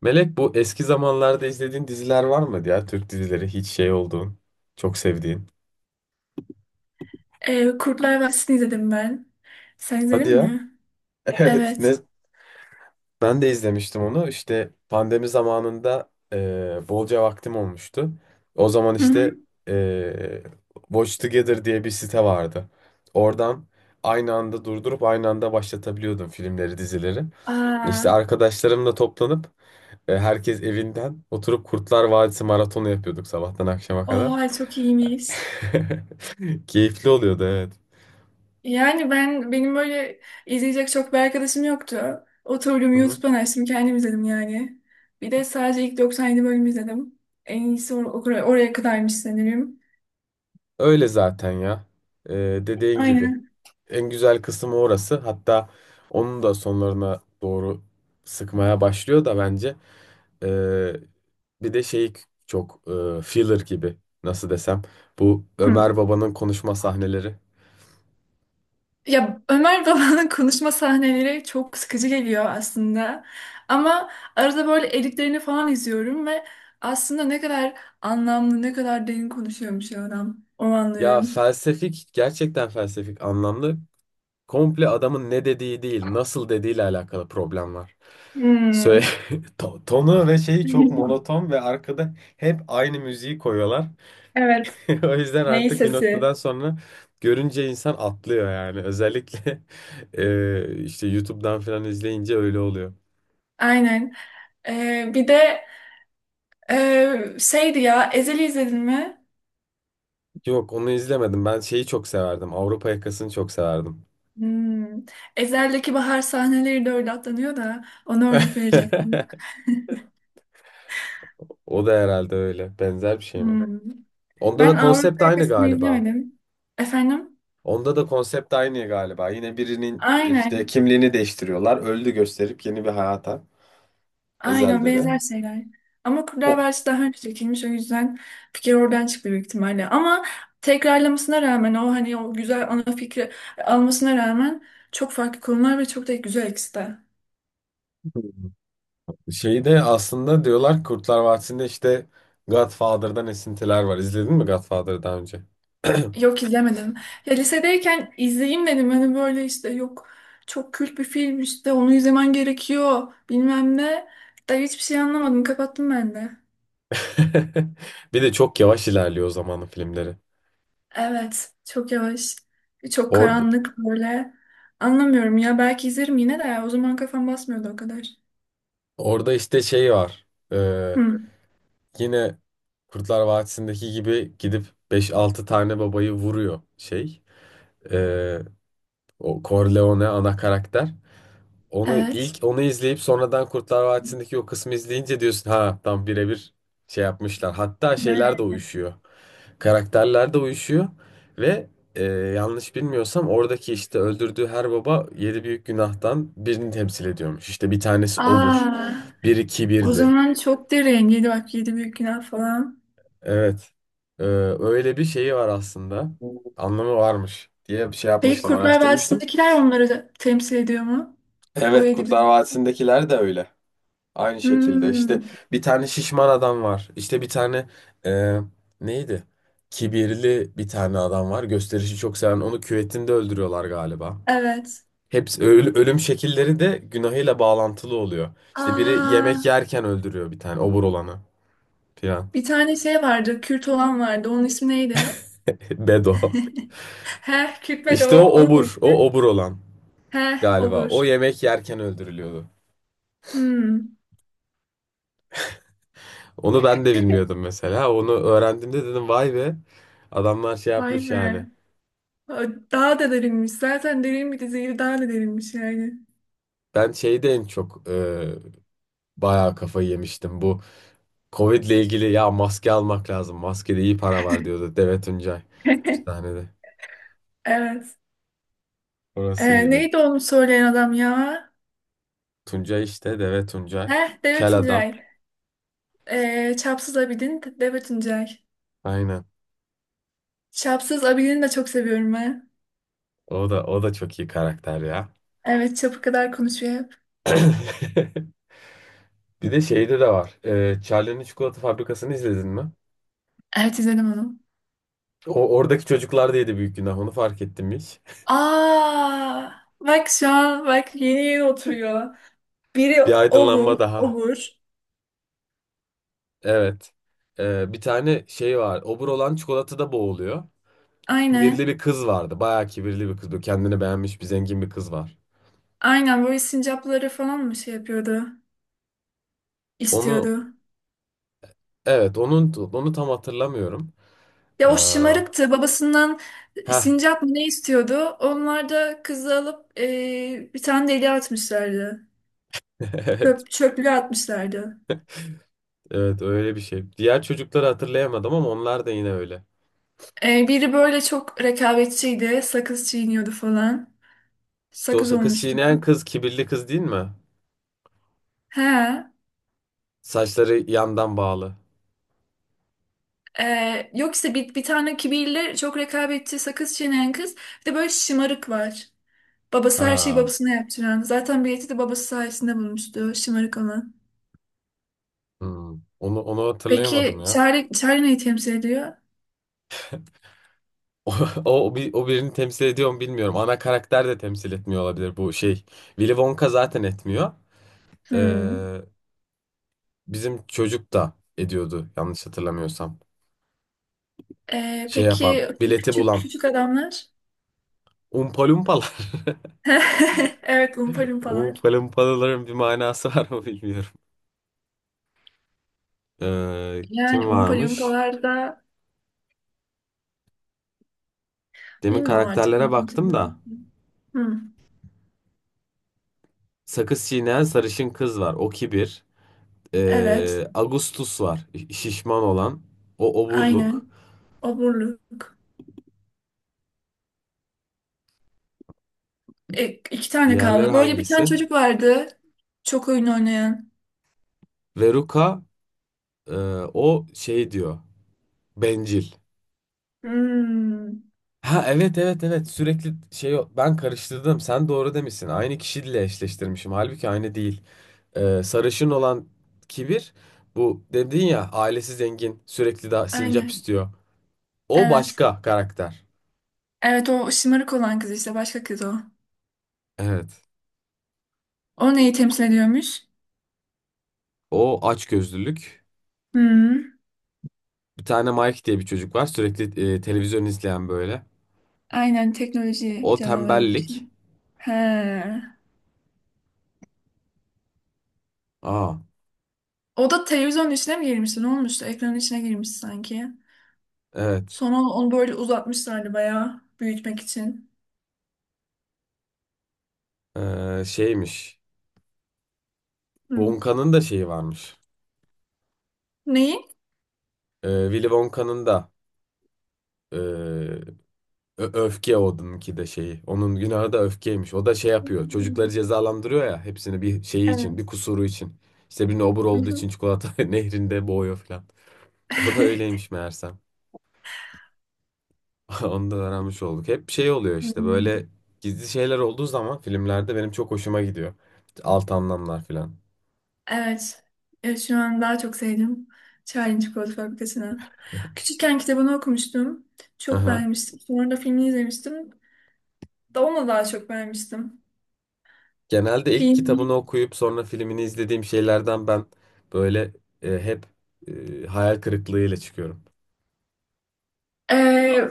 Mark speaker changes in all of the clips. Speaker 1: Melek, bu eski zamanlarda izlediğin diziler var mı ya? Türk dizileri hiç şey olduğun, çok sevdiğin.
Speaker 2: Kurtlar Vadisi'ni izledim ben. Sen
Speaker 1: Hadi
Speaker 2: izledin
Speaker 1: ya.
Speaker 2: mi?
Speaker 1: Evet, ne,
Speaker 2: Evet.
Speaker 1: ben de izlemiştim onu. İşte pandemi zamanında bolca vaktim olmuştu. O zaman
Speaker 2: Hı
Speaker 1: işte
Speaker 2: hı.
Speaker 1: eee Watch Together diye bir site vardı. Oradan aynı anda durdurup aynı anda başlatabiliyordum filmleri, dizileri.
Speaker 2: Aa,
Speaker 1: İşte arkadaşlarımla toplanıp herkes evinden oturup Kurtlar Vadisi maratonu yapıyorduk sabahtan akşama kadar.
Speaker 2: oha çok iyiymiş.
Speaker 1: Keyifli oluyordu, evet.
Speaker 2: Yani benim böyle izleyecek çok bir arkadaşım yoktu. Oturdum
Speaker 1: Hı hı.
Speaker 2: YouTube'dan açtım kendim izledim yani. Bir de sadece ilk 97 bölümü izledim. En iyisi oraya kadarmış sanırım.
Speaker 1: Öyle zaten ya. Ee, Dediğin gibi.
Speaker 2: Aynen.
Speaker 1: En güzel kısmı orası. Hatta onun da sonlarına doğru sıkmaya başlıyor da bence. Ee, Bir de şey, çok filler gibi, nasıl desem. Bu
Speaker 2: Hı.
Speaker 1: Ömer Baba'nın konuşma sahneleri.
Speaker 2: Ya Ömer Baba'nın konuşma sahneleri çok sıkıcı geliyor aslında. Ama arada böyle editlerini falan izliyorum ve aslında ne kadar anlamlı, ne kadar derin konuşuyormuş ya adam. Onu
Speaker 1: Ya,
Speaker 2: anlıyorum.
Speaker 1: felsefik, gerçekten felsefik anlamlı. Komple adamın ne dediği değil, nasıl dediğiyle alakalı problem var. Söyle,
Speaker 2: Hmm.
Speaker 1: tonu ve şeyi çok monoton ve arkada hep aynı müziği koyuyorlar.
Speaker 2: Evet.
Speaker 1: O yüzden
Speaker 2: Ney
Speaker 1: artık bir noktadan
Speaker 2: sesi?
Speaker 1: sonra görünce insan atlıyor yani. Özellikle işte YouTube'dan falan izleyince öyle oluyor.
Speaker 2: Aynen. Bir de şeydi ya Ezel'i izledin mi?
Speaker 1: Yok, onu izlemedim. Ben şeyi çok severdim. Avrupa Yakası'nı çok severdim.
Speaker 2: Hmm. Ezel'deki bahar sahneleri de öyle atlanıyor da ona örnek verecektim.
Speaker 1: O da herhalde öyle. Benzer bir şey mi?
Speaker 2: Hmm.
Speaker 1: Onda
Speaker 2: Ben
Speaker 1: da konsept
Speaker 2: Avrupa
Speaker 1: aynı
Speaker 2: Yakası'nı
Speaker 1: galiba.
Speaker 2: izlemedim. Efendim?
Speaker 1: Onda da konsept aynı galiba. Yine birinin işte
Speaker 2: Aynen.
Speaker 1: kimliğini değiştiriyorlar. Öldü gösterip yeni bir hayata.
Speaker 2: Aynen
Speaker 1: Ezel'de de.
Speaker 2: benzer şeyler. Ama Kurtlar
Speaker 1: O
Speaker 2: Vadisi daha önce çekilmiş o yüzden fikir oradan çıktı büyük ihtimalle. Ama tekrarlamasına rağmen o hani o güzel ana fikri almasına rağmen çok farklı konular ve çok da güzel ikisi de.
Speaker 1: şeyi de aslında, diyorlar ki Kurtlar Vadisi'nde işte Godfather'dan esintiler var. İzledin mi Godfather'ı daha önce?
Speaker 2: Yok izlemedim. Ya lisedeyken izleyeyim dedim. Hani böyle işte yok çok kült bir film işte onu izlemen gerekiyor bilmem ne. Da hiçbir şey anlamadım. Kapattım ben de.
Speaker 1: Bir de çok yavaş ilerliyor o zamanın filmleri.
Speaker 2: Evet, çok yavaş, çok
Speaker 1: Orada,
Speaker 2: karanlık böyle. Anlamıyorum ya. Belki izlerim yine de. O zaman kafam basmıyordu o kadar.
Speaker 1: orada işte şey var.
Speaker 2: Hı,
Speaker 1: Yine Kurtlar Vadisi'ndeki gibi gidip beş altı tane babayı vuruyor şey. Ee, O Corleone ana karakter.
Speaker 2: evet.
Speaker 1: Onu izleyip sonradan Kurtlar Vadisi'ndeki o kısmı izleyince diyorsun ha, tam birebir şey yapmışlar. Hatta şeyler de uyuşuyor. Karakterler de uyuşuyor ve yanlış bilmiyorsam oradaki işte öldürdüğü her baba yedi büyük günahtan birini temsil ediyormuş. İşte bir tanesi obur,
Speaker 2: Aa,
Speaker 1: biri
Speaker 2: o
Speaker 1: kibirli.
Speaker 2: zaman çok derin. Yedi bak yedi büyük günah falan.
Speaker 1: Evet. Ee, Öyle bir şeyi var aslında. Anlamı varmış diye bir şey
Speaker 2: Peki
Speaker 1: yapmıştım,
Speaker 2: Kurtlar
Speaker 1: araştırmıştım.
Speaker 2: Vadisi'ndekiler onları da temsil ediyor mu? O
Speaker 1: Evet,
Speaker 2: yedi
Speaker 1: Kurtlar
Speaker 2: büyük.
Speaker 1: Vadisi'ndekiler de öyle. Aynı şekilde işte
Speaker 2: Hmm,
Speaker 1: bir tane şişman adam var. İşte bir tane e, neydi? Kibirli bir tane adam var. Gösterişi çok seven. Onu küvetinde öldürüyorlar galiba.
Speaker 2: evet.
Speaker 1: Hepsi ölüm şekilleri de günahıyla bağlantılı oluyor. İşte biri
Speaker 2: Aa,
Speaker 1: yemek yerken öldürüyor bir tane obur olanı filan.
Speaker 2: bir tane şey vardı. Kürt olan vardı. Onun ismi neydi?
Speaker 1: Bedo.
Speaker 2: Heh, Kürt ve de
Speaker 1: İşte
Speaker 2: o. Onun ismi.
Speaker 1: o obur olan
Speaker 2: Heh,
Speaker 1: galiba. O
Speaker 2: olur.
Speaker 1: yemek yerken öldürülüyordu.
Speaker 2: Hmm,
Speaker 1: Onu ben de bilmiyordum mesela. Onu öğrendiğimde dedim vay be. Adamlar şey
Speaker 2: vay
Speaker 1: yapmış yani.
Speaker 2: be. Daha da derinmiş. Zaten derin bir diziyi daha da derinmiş yani.
Speaker 1: Ben şeyde en çok bayağı kafayı yemiştim. Bu Covid ile ilgili ya, maske almak lazım. Maskede iyi para var, diyordu Deve Tuncay. Bir tane de.
Speaker 2: Evet.
Speaker 1: Orası iyiydi.
Speaker 2: Neydi onu söyleyen adam ya?
Speaker 1: Tuncay işte, Deve Tuncay.
Speaker 2: Heh, Devlet
Speaker 1: Kel adam.
Speaker 2: Tuncay. Çapsız Abidin, Devlet Tuncay.
Speaker 1: Aynen.
Speaker 2: Çapsız Abidin'i de çok seviyorum ben.
Speaker 1: O da çok iyi karakter ya.
Speaker 2: Evet, çapı kadar konuşuyor hep.
Speaker 1: Bir de şeyde de var. Charlie'nin çikolata fabrikasını izledin mi?
Speaker 2: Evet, izledim onu.
Speaker 1: O oradaki çocuklar da yedi büyük günah. Onu fark ettim hiç.
Speaker 2: Aa, bak şu an, bak yeni yeni oturuyor. Biri
Speaker 1: Bir
Speaker 2: obur,
Speaker 1: aydınlanma daha.
Speaker 2: obur.
Speaker 1: Evet. Bir tane şey var. Obur olan çikolatada boğuluyor. Kibirli
Speaker 2: Aynen.
Speaker 1: bir kız vardı. Bayağı kibirli bir kız. Böyle kendini beğenmiş bir zengin bir kız var.
Speaker 2: Aynen böyle sincapları falan mı şey yapıyordu?
Speaker 1: Onu,
Speaker 2: İstiyordu.
Speaker 1: evet, onu tam hatırlamıyorum.
Speaker 2: Ya o
Speaker 1: Ha,
Speaker 2: şımarıktı. Babasından sincap mı ne istiyordu? Onlar da kızı alıp bir tane deliğe atmışlardı.
Speaker 1: evet,
Speaker 2: Çöp, çöplüğe atmışlardı.
Speaker 1: evet, öyle bir şey. Diğer çocukları hatırlayamadım ama onlar da yine öyle.
Speaker 2: E, biri böyle çok rekabetçiydi. Sakız çiğniyordu falan.
Speaker 1: İşte o
Speaker 2: Sakız
Speaker 1: sakız
Speaker 2: olmuştu.
Speaker 1: çiğneyen kız kibirli kız değil mi?
Speaker 2: He.
Speaker 1: Saçları yandan bağlı.
Speaker 2: E, yok işte bir tane kibirli çok rekabetçi sakız çiğneyen kız. Bir de böyle şımarık var. Babası her şeyi
Speaker 1: Ha.
Speaker 2: babasına yaptıran. Zaten bileti de babası sayesinde bulmuştu. Şımarık olan.
Speaker 1: Hmm. Onu hatırlayamadım
Speaker 2: Peki
Speaker 1: ya.
Speaker 2: Charlie, Charlie neyi temsil ediyor?
Speaker 1: O, o birini temsil ediyor mu bilmiyorum. Ana karakter de temsil etmiyor olabilir bu şey. Willy Wonka zaten etmiyor.
Speaker 2: Hmm.
Speaker 1: Ee, Bizim çocuk da ediyordu yanlış hatırlamıyorsam. Şey yapan,
Speaker 2: Peki
Speaker 1: bileti
Speaker 2: küçük
Speaker 1: bulan.
Speaker 2: küçük adamlar?
Speaker 1: Umpalumpalar.
Speaker 2: Evet, Umpa Lumpalar.
Speaker 1: Umpalumpaların bir manası var mı bilmiyorum.
Speaker 2: Yani
Speaker 1: Kim
Speaker 2: Umpa
Speaker 1: varmış?
Speaker 2: Lumpalar da
Speaker 1: Demin
Speaker 2: bilmiyorum artık ne
Speaker 1: karakterlere
Speaker 2: kimse
Speaker 1: baktım
Speaker 2: diyor.
Speaker 1: da.
Speaker 2: Hmm,
Speaker 1: Sakız çiğneyen sarışın kız var. O kibir.
Speaker 2: evet,
Speaker 1: Agustus var. Şişman olan. O oburluk.
Speaker 2: aynen. Oburluk. E, iki tane
Speaker 1: Diğerleri
Speaker 2: kaldı. Böyle bir tane
Speaker 1: hangisi?
Speaker 2: çocuk vardı. Çok oyun oynayan.
Speaker 1: Veruka, e, o şey diyor. Bencil.
Speaker 2: Hmm,
Speaker 1: Ha, evet, evet, evet, sürekli şey ben karıştırdım, sen doğru demişsin, aynı kişiyle eşleştirmişim halbuki aynı değil. Sarışın olan kibir, bu dedin ya, ailesi zengin, sürekli daha sincap
Speaker 2: aynen.
Speaker 1: istiyor, o
Speaker 2: Evet.
Speaker 1: başka karakter.
Speaker 2: Evet o şımarık olan kız işte başka kız o.
Speaker 1: Evet,
Speaker 2: O neyi temsil ediyormuş?
Speaker 1: o açgözlülük.
Speaker 2: Hmm,
Speaker 1: Bir tane Mike diye bir çocuk var, sürekli televizyon izleyen böyle,
Speaker 2: aynen
Speaker 1: o
Speaker 2: teknoloji canavarı gibi bir
Speaker 1: tembellik.
Speaker 2: şey. He.
Speaker 1: Aa,
Speaker 2: O da televizyonun içine mi girmişti? Ne olmuştu? Ekranın içine girmiş sanki.
Speaker 1: evet.
Speaker 2: Sonra onu böyle uzatmışlardı bayağı büyütmek için.
Speaker 1: Şeymiş,
Speaker 2: Hı.
Speaker 1: Wonka'nın da şeyi varmış.
Speaker 2: Neyi?
Speaker 1: Willy Wonka'nın da e, öfke, onunki de şeyi. Onun günahı da öfkeymiş. O da şey yapıyor. Çocukları
Speaker 2: Hmm,
Speaker 1: cezalandırıyor ya. Hepsini bir şeyi için, bir
Speaker 2: evet.
Speaker 1: kusuru için. İşte birine obur
Speaker 2: Hı
Speaker 1: olduğu
Speaker 2: hı.
Speaker 1: için çikolata nehrinde boğuyor falan. O da öyleymiş meğersem. Onu da öğrenmiş olduk. Hep şey oluyor işte,
Speaker 2: Hmm.
Speaker 1: böyle gizli şeyler olduğu zaman filmlerde benim çok hoşuma gidiyor. Alt anlamlar falan.
Speaker 2: Evet. Evet, şu an daha çok sevdim. Charlie Çikolata Fabrikası'nı. Küçükken kitabını okumuştum. Çok
Speaker 1: Aha.
Speaker 2: beğenmiştim. Sonra da filmini izlemiştim. Da onu daha çok beğenmiştim.
Speaker 1: Genelde ilk
Speaker 2: Filmi.
Speaker 1: kitabını okuyup sonra filmini izlediğim şeylerden ben böyle hep hayal kırıklığıyla çıkıyorum.
Speaker 2: Ee,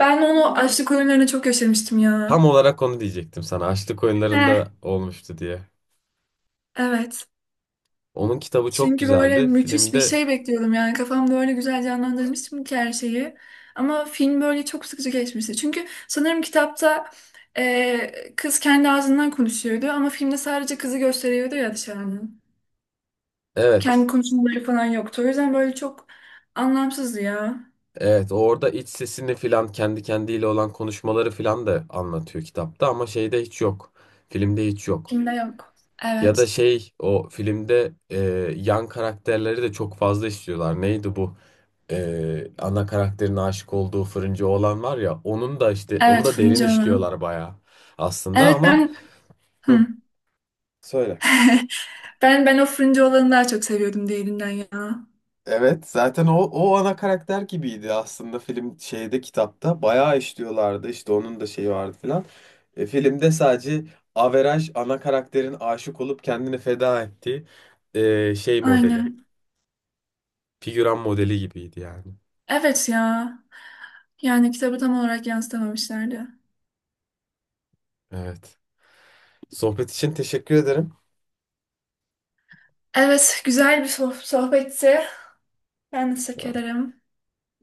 Speaker 2: Ben onu açlık oyunlarına çok yaşamıştım ya.
Speaker 1: Tam olarak onu diyecektim sana. Açlık
Speaker 2: Heh,
Speaker 1: Oyunları'nda olmuştu diye.
Speaker 2: evet.
Speaker 1: Onun kitabı çok
Speaker 2: Çünkü böyle
Speaker 1: güzeldi.
Speaker 2: müthiş bir
Speaker 1: Filmde
Speaker 2: şey bekliyordum yani kafamda öyle güzel canlandırmıştım ki her şeyi. Ama film böyle çok sıkıcı geçmişti. Çünkü sanırım kitapta kız kendi ağzından konuşuyordu ama filmde sadece kızı gösteriyordu ya dışarıdan. Kendi
Speaker 1: evet.
Speaker 2: konuşmaları falan yoktu. O yüzden böyle çok anlamsızdı ya.
Speaker 1: Evet, orada iç sesini filan, kendi kendiyle olan konuşmaları filan da anlatıyor kitapta ama şeyde hiç yok. Filmde hiç yok.
Speaker 2: Filmde yok.
Speaker 1: Ya
Speaker 2: Evet.
Speaker 1: da şey, o filmde yan karakterleri de çok fazla istiyorlar. Neydi bu? Ana karakterin aşık olduğu fırıncı oğlan var ya, onun da işte onu
Speaker 2: Evet
Speaker 1: da derin
Speaker 2: fırıncı olan.
Speaker 1: işliyorlar bayağı aslında
Speaker 2: Evet
Speaker 1: ama
Speaker 2: ben
Speaker 1: Hı,
Speaker 2: Hı.
Speaker 1: söyle.
Speaker 2: Ben o fırıncı olanı daha çok seviyordum diğerinden ya.
Speaker 1: Evet zaten o ana karakter gibiydi aslında film şeyde, kitapta bayağı işliyorlardı işte, onun da şeyi vardı filan. Filmde sadece averaj ana karakterin aşık olup kendini feda ettiği şey modeli,
Speaker 2: Aynen.
Speaker 1: figüran modeli gibiydi yani.
Speaker 2: Evet ya. Yani kitabı tam olarak yansıtamamışlardı.
Speaker 1: Evet. Sohbet için teşekkür ederim.
Speaker 2: Evet, güzel bir sohbetti. Ben teşekkür ederim.